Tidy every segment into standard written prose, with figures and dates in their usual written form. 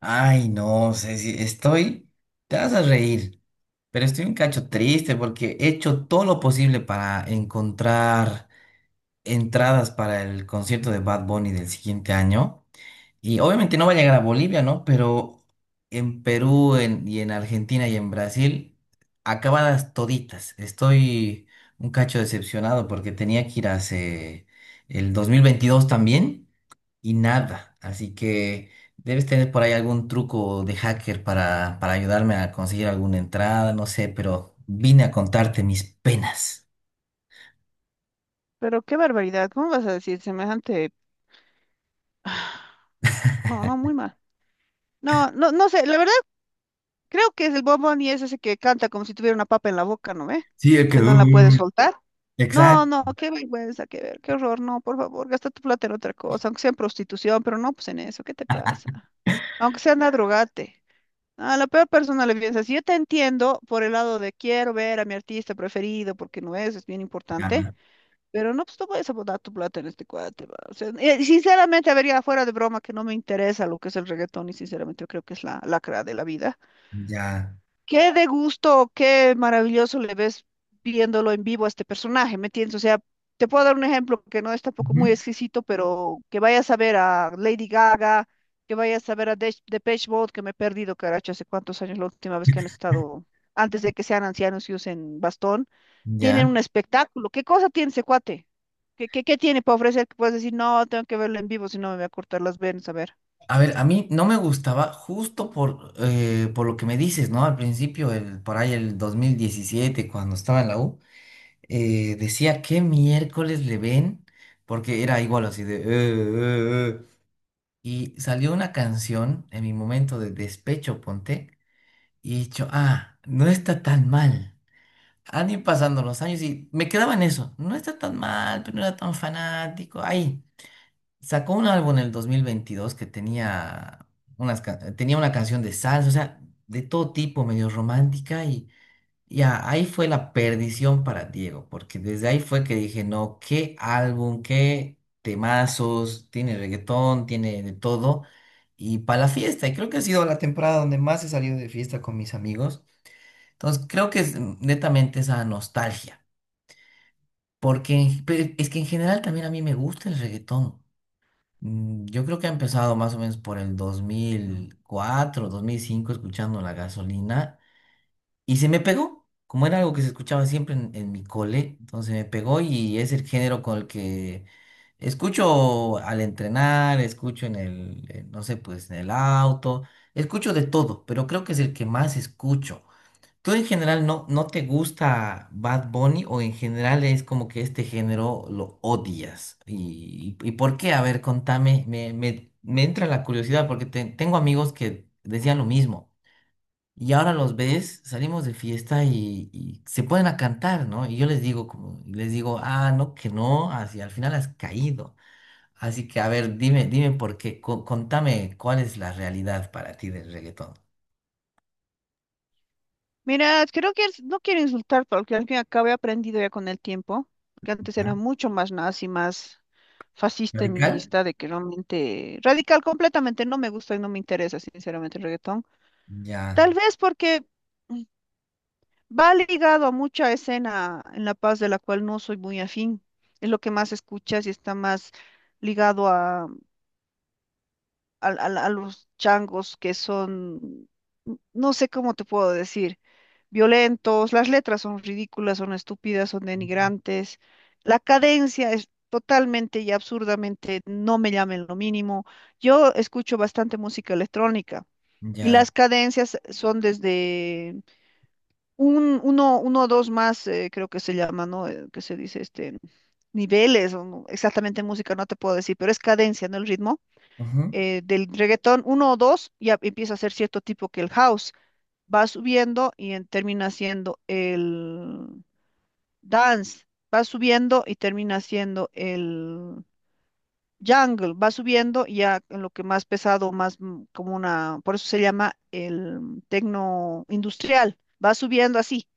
Ay, no sé si estoy, te vas a reír, pero estoy un cacho triste porque he hecho todo lo posible para encontrar entradas para el concierto de Bad Bunny del siguiente año. Y obviamente no va a llegar a Bolivia, ¿no? Pero en Perú y en Argentina y en Brasil, acabadas toditas. Estoy un cacho decepcionado porque tenía que ir hace el 2022 también y nada. Así que debes tener por ahí algún truco de hacker para ayudarme a conseguir alguna entrada, no sé, pero vine a contarte mis penas. Pero qué barbaridad, ¿cómo vas a decir semejante? No, no, muy mal. No, no, no sé, la verdad creo que es el bombón y es ese que canta como si tuviera una papa en la boca, ¿no ve? Sí, es que... Que no la puede soltar. No, Exacto. no, qué vergüenza, qué ver, qué horror, no, por favor, gasta tu plata en otra cosa, aunque sea en prostitución, pero no, pues en eso, ¿qué te pasa? Aunque sea anda a drogarte. A la peor persona le piensas, yo te entiendo por el lado de quiero ver a mi artista preferido, porque no es, es bien Ya, importante. Pero no, pues no vayas a botar tu plata en este cuate, va. O sea, sinceramente, a ver, ya fuera de broma, que no me interesa lo que es el reggaetón y sinceramente yo creo que es la lacra de la vida. ya, Qué de gusto, qué maravilloso le ves viéndolo en vivo a este personaje, ¿me entiendes? O sea, te puedo dar un ejemplo que no es tampoco ujú. muy exquisito, pero que vayas a ver a Lady Gaga, que vayas a ver a Depeche Mode, que me he perdido, caracho, hace cuántos años la última vez que han estado, antes de que sean ancianos y usen bastón, tienen Ya. un espectáculo. ¿Qué cosa tiene ese cuate? ¿Qué tiene para ofrecer que puedes decir, no, tengo que verlo en vivo, si no me voy a cortar las venas, a ver. A ver, a mí no me gustaba justo por lo que me dices, ¿no? Al principio, por ahí el 2017 cuando estaba en la U, decía qué miércoles le ven, porque era igual así de... eh". Y salió una canción en mi momento de despecho, ponte, y he dicho, ah, no está tan mal. Han ido pasando los años y me quedaba en eso, no está tan mal, pero no era tan fanático. Ahí sacó un álbum en el 2022 que tenía tenía una canción de salsa, o sea, de todo tipo, medio romántica, y ya, ahí fue la perdición para Diego, porque desde ahí fue que dije, no, qué álbum, qué temazos, tiene reggaetón, tiene de todo, y para la fiesta, y creo que ha sido la temporada donde más he salido de fiesta con mis amigos, entonces creo que es netamente esa nostalgia, porque es que en general también a mí me gusta el reggaetón. Mm, yo creo que ha empezado más o menos por el 2004, 2005 escuchando La Gasolina, y se me pegó, como era algo que se escuchaba siempre en mi cole, entonces me pegó y es el género con el que escucho al entrenar, escucho en no sé, pues en el auto, escucho de todo, pero creo que es el que más escucho. ¿Tú en general no, no te gusta Bad Bunny o en general es como que este género lo odias? ¿Y por qué? A ver, contame, me entra la curiosidad porque tengo amigos que decían lo mismo. Y ahora los ves, salimos de fiesta y se ponen a cantar, ¿no? Y yo les digo, como, les digo, ah, no, que no, así al final has caído. Así que, a ver, dime, dime por qué, contame cuál es la realidad para ti del reggaetón. Mira, creo que no quiero insultar, porque al fin y al cabo he aprendido ya con el tiempo, que antes era ¿Ya? mucho más nazi, más fascista en mi ¿Radical? vista, de que realmente radical completamente no me gusta y no me interesa, sinceramente, el reggaetón. Ya, Tal vez porque mm, va ligado a mucha escena en La Paz de la cual no soy muy afín. Es lo que más escuchas y está más ligado a, a los changos que son, no sé cómo te puedo decir. Violentos, las letras son ridículas, son estúpidas, son denigrantes, la cadencia es totalmente y absurdamente no me llamen lo mínimo. Yo escucho bastante música electrónica y ya, las cadencias son desde uno o dos más, creo que se llama, ¿no? Que se dice este niveles, o exactamente en música no te puedo decir, pero es cadencia, ¿no? El ritmo. ujú, Del reggaetón, uno o dos, ya empieza a ser cierto tipo que el house va subiendo y termina siendo el dance, va subiendo y termina siendo el jungle, va subiendo y ya en lo que más pesado, más como una, por eso se llama el tecno industrial, va subiendo así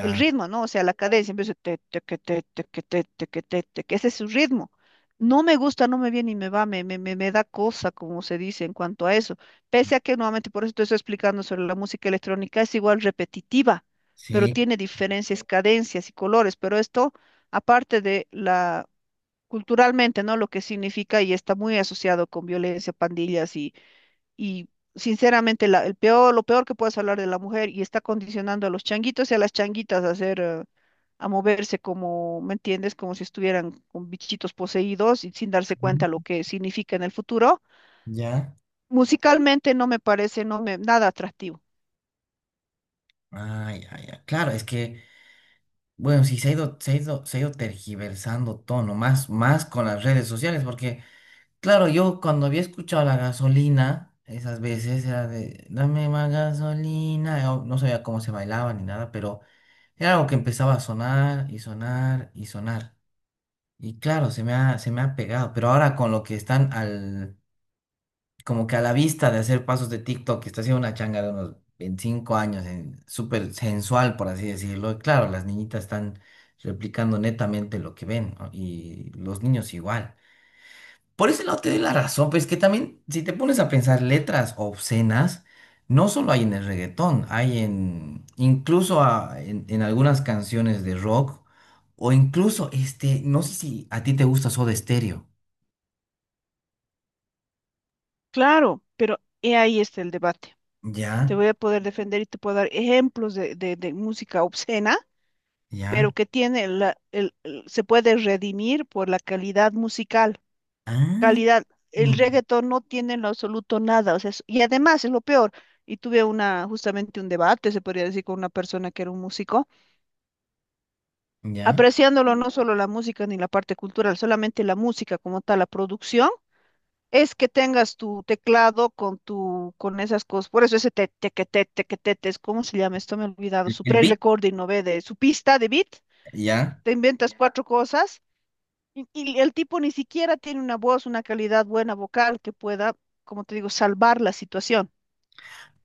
el ritmo, ¿no? O sea, la cadencia empieza te, te, que, te, que, te, que, te, que, ese es su ritmo. No me gusta, no me viene y me va, me da cosa, como se dice en cuanto a eso. Pese a que nuevamente, por eso te estoy explicando sobre la música electrónica, es igual repetitiva, pero sí, tiene diferencias, cadencias y colores, pero esto, aparte de la culturalmente, ¿no? Lo que significa y está muy asociado con violencia, pandillas y sinceramente, el peor, lo peor que puedes hablar de la mujer y está condicionando a los changuitos y a las changuitas a hacer, a moverse como, ¿me entiendes? Como si estuvieran con bichitos poseídos y sin darse cuenta lo ujú, que significa en el futuro. ya, Musicalmente no me parece, no me, nada atractivo. ah, ya, ya. Claro, es que, bueno, sí, se ha ido, se ha ido, se ha ido tergiversando todo, ¿no? Más, más con las redes sociales, porque... Claro, yo cuando había escuchado la gasolina, esas veces era de, dame más gasolina, yo no sabía cómo se bailaba ni nada, pero era algo que empezaba a sonar y sonar y sonar. Y claro, se me ha pegado, pero ahora con lo que están al, como que a la vista de hacer pasos de TikTok, que está haciendo una changa de unos 25 años, súper sensual, por así decirlo, y claro, las niñitas están replicando netamente lo que ven, ¿no? Y los niños igual. Por ese lado te doy la razón, pues que también, si te pones a pensar letras obscenas, no solo hay en el reggaetón, hay en, incluso en algunas canciones de rock, o incluso, este, no sé si a ti te gusta Soda Stereo. Claro, pero he ahí está el debate. Te Ya, voy a poder defender y te puedo dar ejemplos de, de música obscena, ya. pero que tiene se puede redimir por la calidad musical. Ah, Calidad. El mm, reggaetón no tiene en lo absoluto nada, o sea, y además es lo peor. Y tuve una, justamente un debate, se podría decir, con una persona que era un músico, ya. apreciándolo no solo la música ni la parte cultural, solamente la música como tal, la producción, es que tengas tu teclado con tu, con esas cosas, por eso ese te, tequete, tequetete, ¿cómo se llama esto? Me he olvidado, El, su el beat. pre-recording, ¿no ve? De su pista de beat, Ya. te inventas cuatro cosas. Y el tipo ni siquiera tiene una voz, una calidad buena vocal que pueda, como te digo, salvar la situación.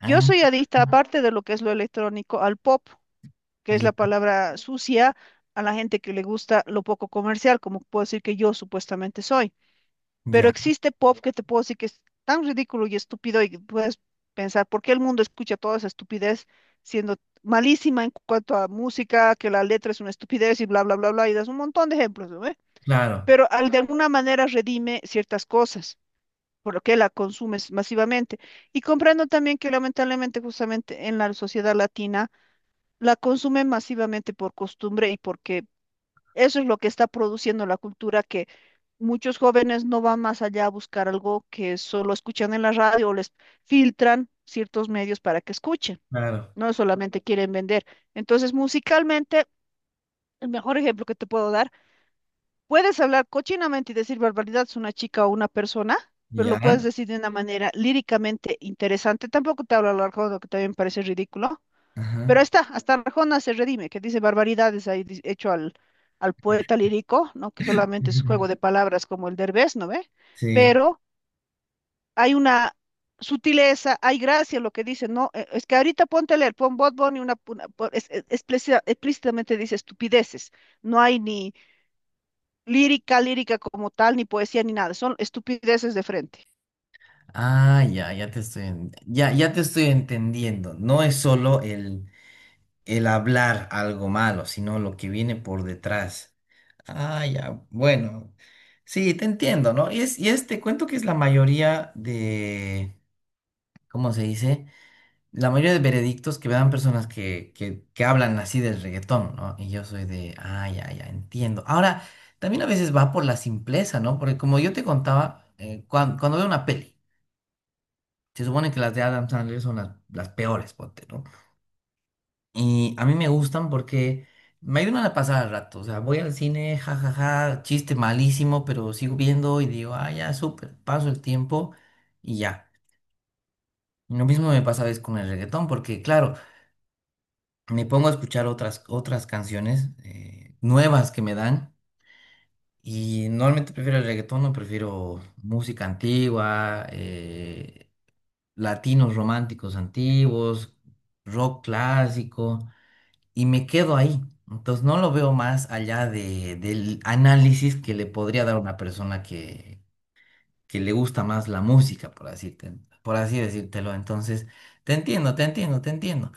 Yo Ah, soy adicta, aparte de lo que es lo electrónico, al pop, que es la ya, palabra sucia a la gente que le gusta lo poco comercial, como puedo decir que yo supuestamente soy. Pero ya. existe pop que te puedo decir que es tan ridículo y estúpido y puedes pensar, ¿por qué el mundo escucha toda esa estupidez siendo malísima en cuanto a música, que la letra es una estupidez y bla, bla, bla, bla? Y das un montón de ejemplos, ¿no? Claro, Pero al de alguna manera redime ciertas cosas, por lo que la consumes masivamente. Y comprendo también que lamentablemente justamente en la sociedad latina la consumen masivamente por costumbre y porque eso es lo que está produciendo la cultura, que muchos jóvenes no van más allá a buscar algo que solo escuchan en la radio o les filtran ciertos medios para que escuchen, claro. no solamente quieren vender. Entonces, musicalmente, el mejor ejemplo que te puedo dar. Puedes hablar cochinamente y decir barbaridades a una chica o una persona, pero lo Ya. puedes decir de una manera líricamente interesante. Tampoco te hablo a lo Arjona, que también parece ridículo, pero Ajá. ahí está, hasta Arjona se redime, que dice barbaridades ahí hecho al, al poeta lírico, ¿no? Que solamente es juego de palabras como el Derbez, ¿no ve? Sí. Pero hay una sutileza, hay gracia en lo que dice, ¿no? Es que ahorita ponte a leer, pon Bad Bunny una, explícitamente dice estupideces, no hay ni lírica, lírica como tal, ni poesía, ni nada. Son estupideces de frente. Ah, ya, ya te estoy, ya, ya te estoy entendiendo. No es solo el hablar algo malo, sino lo que viene por detrás. Ah, ya, bueno. Sí, te entiendo, ¿no? Y es, te cuento que es la mayoría de, ¿cómo se dice? La mayoría de veredictos que me dan personas que hablan así del reggaetón, ¿no? Y yo soy de, ah, ya, ya, entiendo. Ahora, también a veces va por la simpleza, ¿no? Porque como yo te contaba, cuando veo una peli. Se supone que las de Adam Sandler son las peores, ponte, ¿no? Y a mí me gustan porque me ayudan a pasar al rato. O sea, voy al cine, jajaja, chiste malísimo, pero sigo viendo y digo, ah, ya, súper, paso el tiempo y ya. Y lo mismo me pasa a veces con el reggaetón, porque claro, me pongo a escuchar otras canciones nuevas que me dan. Y normalmente prefiero el reggaetón, no prefiero música antigua, latinos románticos antiguos, rock clásico. Y me quedo ahí. Entonces no lo veo más allá de, del análisis que le podría dar una persona que le gusta más la música, por así decírtelo. Entonces, te entiendo, te entiendo, te entiendo.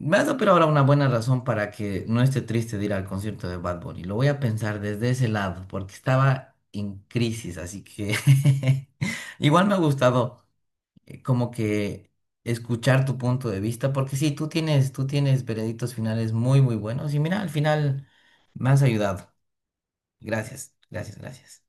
Me has dado pero ahora una buena razón para que no esté triste de ir al concierto de Bad Bunny. Lo voy a pensar desde ese lado, porque estaba en crisis, así que igual me ha gustado como que escuchar tu punto de vista, porque sí, tú tienes veredictos finales muy, muy buenos y mira, al final me has ayudado. Gracias, gracias, gracias.